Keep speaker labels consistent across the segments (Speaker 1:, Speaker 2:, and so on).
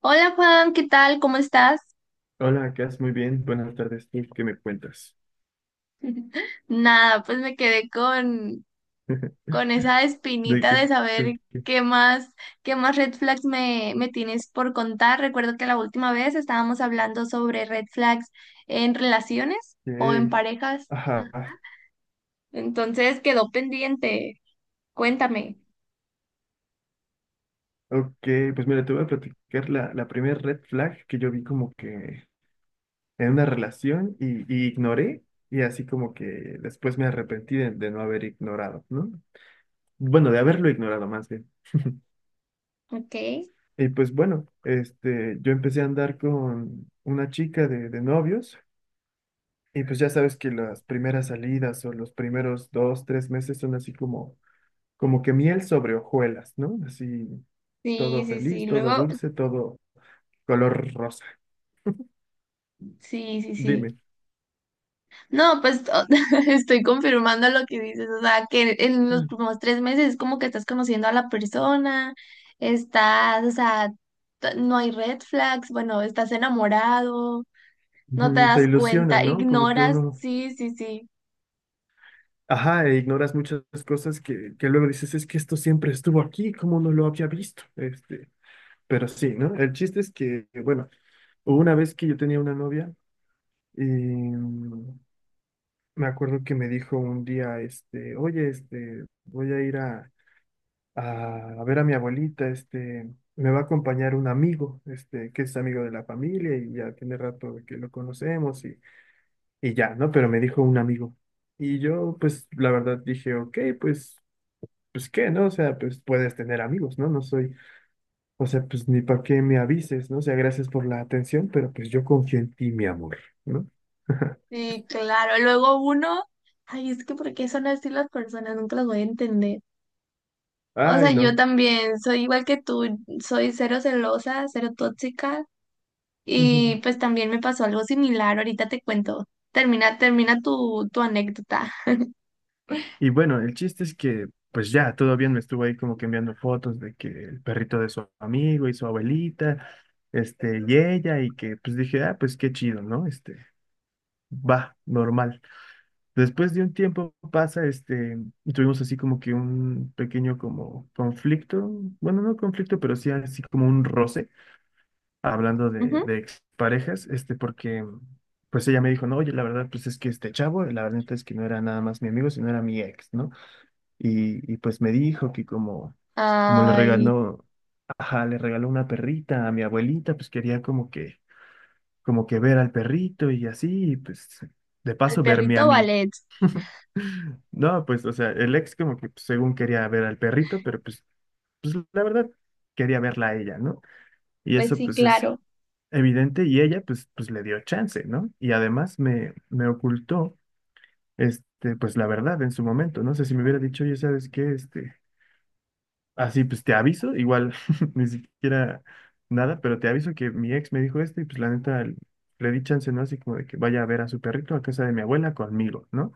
Speaker 1: Hola, Juan, ¿qué tal? ¿Cómo estás?
Speaker 2: Hola, Cas, muy bien. Buenas tardes. ¿Tú qué me cuentas?
Speaker 1: Nada, pues me quedé con esa
Speaker 2: ¿De
Speaker 1: espinita
Speaker 2: qué?
Speaker 1: de
Speaker 2: ¿De
Speaker 1: saber
Speaker 2: qué?
Speaker 1: qué más, qué más red flags me tienes por contar. Recuerdo que la última vez estábamos hablando sobre red flags en relaciones o en
Speaker 2: ¿Qué?
Speaker 1: parejas. Ah.
Speaker 2: Ajá.
Speaker 1: Entonces quedó pendiente. Cuéntame.
Speaker 2: Ok, pues mira, te voy a platicar la primera red flag que yo vi como que en una relación y ignoré y así como que después me arrepentí de no haber ignorado, ¿no? Bueno, de haberlo ignorado más bien.
Speaker 1: Ok.
Speaker 2: Y pues bueno, yo empecé a andar con una chica de novios y pues ya sabes que las primeras salidas o los primeros 2, 3 meses son así como que miel sobre hojuelas, ¿no? Así, todo
Speaker 1: Sí, sí,
Speaker 2: feliz,
Speaker 1: sí.
Speaker 2: todo
Speaker 1: Luego,
Speaker 2: dulce, todo color rosa.
Speaker 1: sí, sí, sí.
Speaker 2: Dime.
Speaker 1: No, pues estoy confirmando lo que dices, o sea, que en los últimos tres meses es como que estás conociendo a la persona, estás, o sea, no hay red flags, bueno, estás enamorado, no te
Speaker 2: Ujú, te
Speaker 1: das
Speaker 2: ilusiona,
Speaker 1: cuenta,
Speaker 2: ¿no? Como que
Speaker 1: ignoras,
Speaker 2: uno,
Speaker 1: sí, sí, sí,
Speaker 2: ajá, e ignoras muchas cosas que luego dices, es que esto siempre estuvo aquí, ¿cómo no lo había visto? Pero sí, ¿no? El chiste es que, bueno, hubo una vez que yo tenía una novia y me acuerdo que me dijo un día, oye, voy a ir a ver a mi abuelita, me va a acompañar un amigo, que es amigo de la familia y ya tiene rato de que lo conocemos y ya, ¿no? Pero me dijo un amigo. Y yo, pues, la verdad dije, ok, pues, ¿qué, no? O sea, pues, puedes tener amigos, ¿no? No soy, o sea, pues, ni para qué me avises, ¿no? O sea, gracias por la atención, pero pues yo confío en ti, mi amor, ¿no?
Speaker 1: sí, claro. Luego uno, ay, es que ¿por qué son así las personas? Nunca las voy a entender. O
Speaker 2: Ay,
Speaker 1: sea, yo
Speaker 2: no.
Speaker 1: también soy igual que tú, soy cero celosa, cero tóxica. Y pues también me pasó algo similar, ahorita te cuento. Termina, termina tu anécdota.
Speaker 2: Y bueno, el chiste es que, pues ya, todo bien, me estuvo ahí como que enviando fotos de que el perrito de su amigo y su abuelita, y ella, y que pues dije, ah, pues qué chido, ¿no? Va, normal. Después de un tiempo pasa, y tuvimos así como que un pequeño como conflicto, bueno, no conflicto, pero sí así como un roce, hablando de,
Speaker 1: Ujú.
Speaker 2: de exparejas, porque pues ella me dijo, no, oye, la verdad, pues es que este chavo, la verdad es que no era nada más mi amigo, sino era mi ex, ¿no? Y pues me dijo que como, como le
Speaker 1: Ay,
Speaker 2: regaló, ajá, le regaló una perrita a mi abuelita, pues quería como que, ver al perrito y así, y pues de
Speaker 1: al
Speaker 2: paso verme a
Speaker 1: perrito
Speaker 2: mí.
Speaker 1: ballet.
Speaker 2: No, pues, o sea, el ex como que pues, según quería ver al perrito, pero pues la verdad quería verla a ella, ¿no? Y
Speaker 1: Pues
Speaker 2: eso
Speaker 1: sí,
Speaker 2: pues es
Speaker 1: claro.
Speaker 2: evidente y ella pues le dio chance, ¿no? Y además me ocultó, pues la verdad en su momento, no sé si me hubiera dicho, oye, ¿sabes qué? Así, pues te aviso, igual ni siquiera nada, pero te aviso que mi ex me dijo esto y pues la neta le di chance, ¿no? Así como de que vaya a ver a su perrito a casa de mi abuela conmigo, ¿no?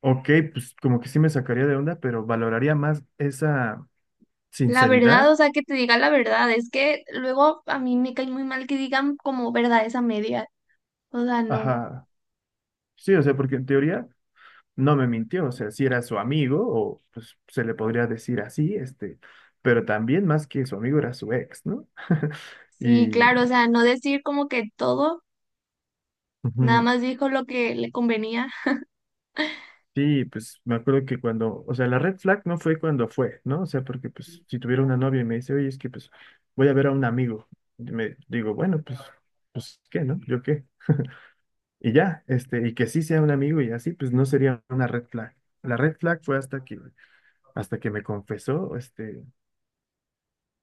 Speaker 2: Ok, pues como que sí me sacaría de onda, pero valoraría más esa
Speaker 1: La
Speaker 2: sinceridad.
Speaker 1: verdad, o sea, que te diga la verdad, es que luego a mí me cae muy mal que digan como verdades a medias. O sea, no.
Speaker 2: Ajá, sí, o sea, porque en teoría no me mintió, o sea, si era su amigo o pues se le podría decir así, pero también más que su amigo era su ex, ¿no?
Speaker 1: Sí,
Speaker 2: Y...
Speaker 1: claro, o sea, no decir como que todo, nada
Speaker 2: Ujú.
Speaker 1: más dijo lo que le convenía.
Speaker 2: Sí, pues me acuerdo que cuando, o sea, la red flag no fue cuando fue, ¿no? O sea, porque pues si tuviera una novia y me dice, oye, es que pues voy a ver a un amigo, y me digo, bueno, pues, ¿qué, no? ¿Yo qué? Y ya, y que sí sea un amigo y así, pues no sería una red flag. La red flag fue hasta que me confesó,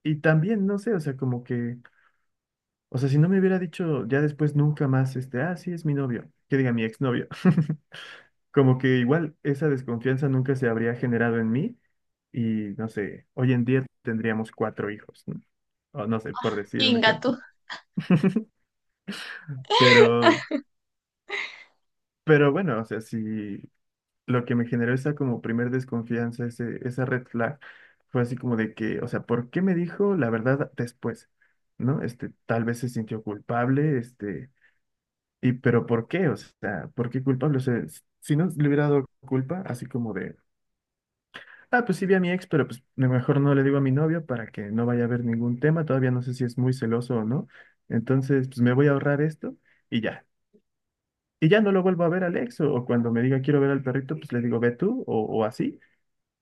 Speaker 2: y también, no sé, o sea, como que, o sea, si no me hubiera dicho ya después nunca más, ah, sí, es mi novio, que diga mi exnovio. Como que igual esa desconfianza nunca se habría generado en mí y no sé, hoy en día tendríamos cuatro hijos, ¿no? O no sé, por decir un ejemplo.
Speaker 1: Ingato.
Speaker 2: Pero, pero bueno, o sea, si lo que me generó esa como primer desconfianza, esa red flag, fue así como de que, o sea, ¿por qué me dijo la verdad después? ¿No? Tal vez se sintió culpable, y pero ¿por qué? O sea, ¿por qué culpable? O sea, si no le hubiera dado culpa, así como de: ah, pues sí vi a mi ex, pero pues lo mejor no le digo a mi novio para que no vaya a haber ningún tema. Todavía no sé si es muy celoso o no. Entonces, pues me voy a ahorrar esto y ya. Y ya no lo vuelvo a ver al ex o cuando me diga quiero ver al perrito, pues le digo ve tú o así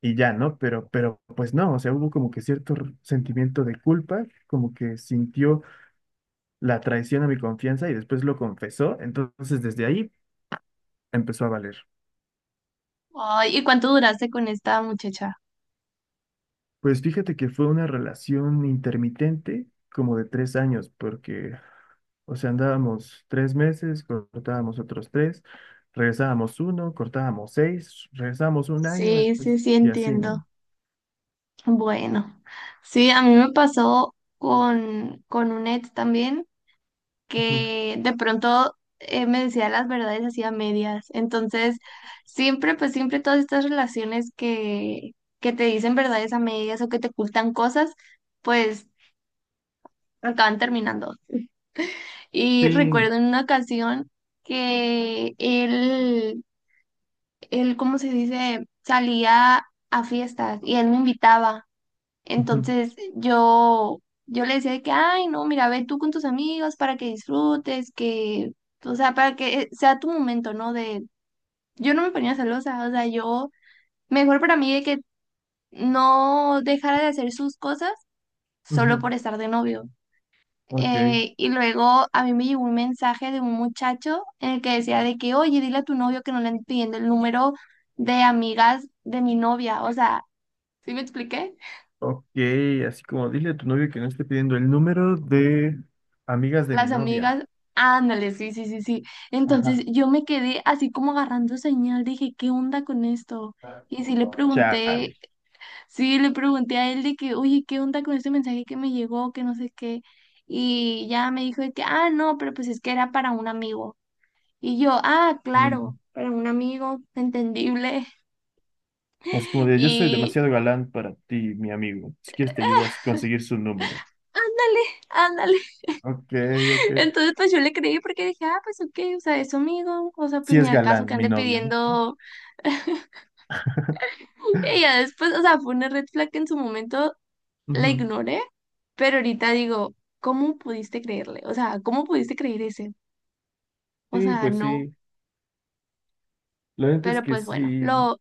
Speaker 2: y ya, ¿no? Pero pues no, o sea, hubo como que cierto sentimiento de culpa, como que sintió la traición a mi confianza y después lo confesó. Entonces, desde ahí empezó a valer.
Speaker 1: Ay, ¿y cuánto duraste con esta muchacha?
Speaker 2: Pues fíjate que fue una relación intermitente como de 3 años, porque, o sea, andábamos 3 meses, cortábamos otros tres, regresábamos uno, cortábamos seis, regresábamos un año
Speaker 1: Sí, sí, sí,
Speaker 2: y así,
Speaker 1: entiendo.
Speaker 2: ¿no?
Speaker 1: Bueno, sí, a mí me pasó con un ex también
Speaker 2: Ujú.
Speaker 1: que de pronto me decía las verdades así a medias. Entonces, siempre, pues siempre todas estas relaciones que te dicen verdades a medias o que te ocultan cosas, pues acaban terminando. Y
Speaker 2: Sí.
Speaker 1: recuerdo en una ocasión que él, ¿cómo se dice? Salía a fiestas y él me invitaba.
Speaker 2: Ujú,
Speaker 1: Entonces yo le decía de que, ay, no, mira, ve tú con tus amigos para que disfrutes, que, o sea, para que sea tu momento, ¿no? De, yo no me ponía celosa, o sea, yo, mejor para mí de que no dejara de hacer sus cosas solo
Speaker 2: ujú.
Speaker 1: por estar de novio.
Speaker 2: Ok.
Speaker 1: Y luego a mí me llegó un mensaje de un muchacho en el que decía de que, oye, dile a tu novio que no le anden pidiendo el número de amigas de mi novia, o sea, ¿sí me expliqué?
Speaker 2: Ok, así como dile a tu novio que no esté pidiendo el número de amigas de mi
Speaker 1: Las
Speaker 2: novia.
Speaker 1: amigas, ándale, sí, sí, sí, sí.
Speaker 2: Ajá.
Speaker 1: Entonces yo me quedé así como agarrando señal, dije, ¿qué onda con esto? Y
Speaker 2: Chale.
Speaker 1: sí le pregunté a él de que, oye, ¿qué onda con este mensaje que me llegó? Que no sé qué. Y ya me dijo de que, ah, no, pero pues es que era para un amigo. Y yo, ah, claro,
Speaker 2: Mm.
Speaker 1: para un amigo, entendible.
Speaker 2: Así como de, yo soy
Speaker 1: Y
Speaker 2: demasiado galán para ti, mi amigo. Si quieres te ayudo a conseguir su número.
Speaker 1: ándale, ándale.
Speaker 2: Ok, ok.
Speaker 1: Entonces pues yo le creí porque dije, ah, pues ok, o sea, es su amigo, o sea, pues
Speaker 2: Sí
Speaker 1: ni
Speaker 2: es
Speaker 1: al caso que
Speaker 2: galán, mi
Speaker 1: ande
Speaker 2: novio, ¿no?
Speaker 1: pidiendo. Ella después, o sea, fue una red flag que en su momento la
Speaker 2: Ujú.
Speaker 1: ignoré, pero ahorita digo, ¿cómo pudiste creerle? O sea, ¿cómo pudiste creer ese? O
Speaker 2: Sí,
Speaker 1: sea,
Speaker 2: pues
Speaker 1: no.
Speaker 2: sí. Lo verdad es
Speaker 1: Pero
Speaker 2: que
Speaker 1: pues bueno,
Speaker 2: sí,
Speaker 1: lo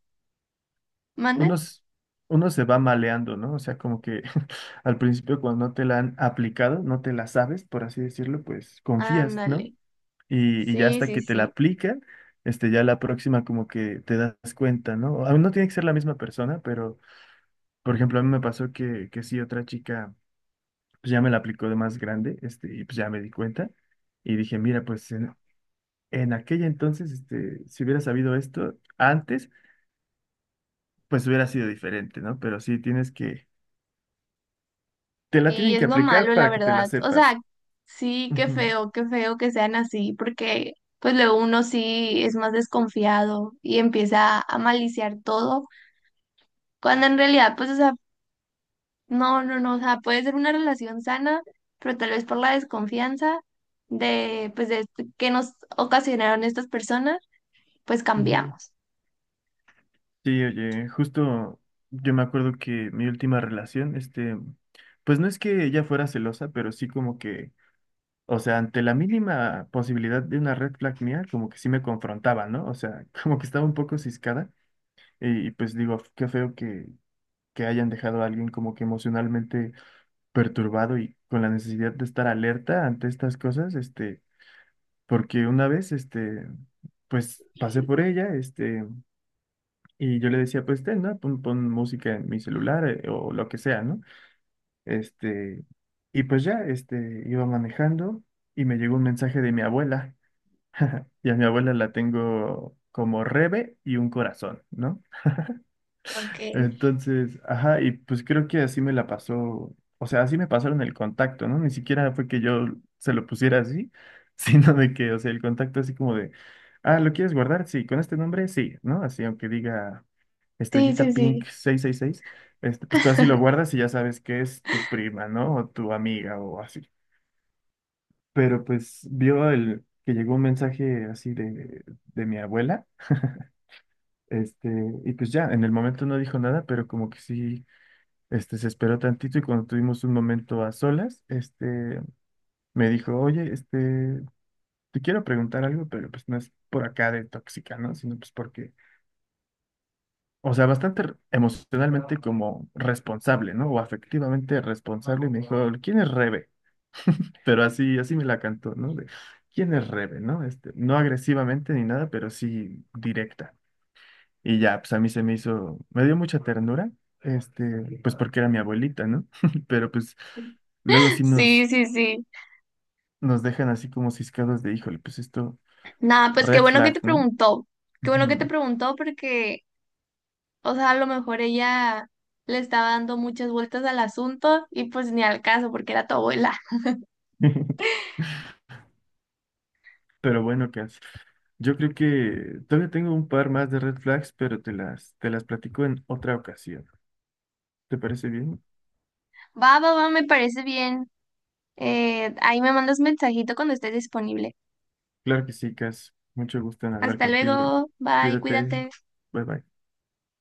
Speaker 2: uno,
Speaker 1: mandan.
Speaker 2: s- uno se va maleando, ¿no? O sea, como que al principio cuando no te la han aplicado, no te la sabes, por así decirlo, pues confías, ¿no?
Speaker 1: Ándale.
Speaker 2: Y ya
Speaker 1: Sí,
Speaker 2: hasta
Speaker 1: sí,
Speaker 2: que te la
Speaker 1: sí.
Speaker 2: aplican, ya la próxima como que te das cuenta, ¿no? A no tiene que ser la misma persona, pero, por ejemplo, a mí me pasó que sí, otra chica, pues ya me la aplicó de más grande, y pues ya me di cuenta y dije, mira, pues en aquella entonces, si hubiera sabido esto antes, pues hubiera sido diferente, ¿no? Pero sí tienes que, te la
Speaker 1: Y
Speaker 2: tienen
Speaker 1: es
Speaker 2: que
Speaker 1: lo
Speaker 2: aplicar
Speaker 1: malo, la
Speaker 2: para que te la
Speaker 1: verdad. O
Speaker 2: sepas.
Speaker 1: sea, sí,
Speaker 2: Ujú,
Speaker 1: qué feo que sean así, porque pues luego uno sí es más desconfiado y empieza a maliciar todo, cuando en realidad, pues, o sea, no, no, no, o sea, puede ser una relación sana, pero tal vez por la desconfianza de, pues, de esto que nos ocasionaron estas personas, pues
Speaker 2: ujú.
Speaker 1: cambiamos.
Speaker 2: Sí, oye, justo yo me acuerdo que mi última relación, pues no es que ella fuera celosa, pero sí como que, o sea, ante la mínima posibilidad de una red flag mía, como que sí me confrontaba, ¿no? O sea, como que estaba un poco ciscada y pues digo, qué feo que hayan dejado a alguien como que emocionalmente perturbado y con la necesidad de estar alerta ante estas cosas, porque una vez, pues pasé por ella, y yo le decía, pues ten, ¿no? Pon música en mi celular, o lo que sea, ¿no? Este, y pues ya, iba manejando y me llegó un mensaje de mi abuela, y a mi abuela la tengo como Rebe y un corazón, ¿no?
Speaker 1: Okay.
Speaker 2: Entonces, ajá, y pues creo que así me la pasó, o sea, así me pasaron el contacto, ¿no? Ni siquiera fue que yo se lo pusiera así, sino de que, o sea, el contacto así como de, ah, ¿lo quieres guardar? Sí, con este nombre, sí, ¿no? Así, aunque diga
Speaker 1: Sí, sí,
Speaker 2: estrellita pink
Speaker 1: sí.
Speaker 2: 666, pues tú así lo guardas y ya sabes que es tu prima, ¿no? O tu amiga o así. Pero pues vio el que llegó un mensaje así de mi abuela, este, y pues ya, en el momento no dijo nada, pero como que sí. Se esperó tantito y cuando tuvimos un momento a solas, me dijo, oye, te quiero preguntar algo, pero pues no es por acá de tóxica, ¿no? Sino pues porque, o sea, bastante emocionalmente como responsable, ¿no? O afectivamente responsable. Y me dijo, ¿quién es Rebe? Pero así, así me la cantó, ¿no? De, ¿quién es Rebe? ¿No? No agresivamente ni nada, pero sí directa. Y ya, pues a mí se me hizo, me dio mucha ternura, pues porque era mi abuelita, ¿no? Pero pues... Luego sí
Speaker 1: Sí,
Speaker 2: nos
Speaker 1: sí, sí.
Speaker 2: nos dejan así como ciscados de, híjole, pues esto,
Speaker 1: Nada, pues qué
Speaker 2: red
Speaker 1: bueno que
Speaker 2: flag,
Speaker 1: te
Speaker 2: ¿no?
Speaker 1: preguntó. Qué bueno que te
Speaker 2: Ujú.
Speaker 1: preguntó porque, o sea, a lo mejor ella le estaba dando muchas vueltas al asunto y pues ni al caso porque era tu abuela.
Speaker 2: Pero bueno, Cass, yo creo que todavía tengo un par más de red flags, pero te las platico en otra ocasión. ¿Te parece bien?
Speaker 1: Va, va, va, me parece bien. Ahí me mandas mensajito cuando estés disponible.
Speaker 2: Claro que sí, Cass. Mucho gusto en hablar
Speaker 1: Hasta
Speaker 2: contigo y
Speaker 1: luego, bye,
Speaker 2: cuídate.
Speaker 1: cuídate.
Speaker 2: Bye bye.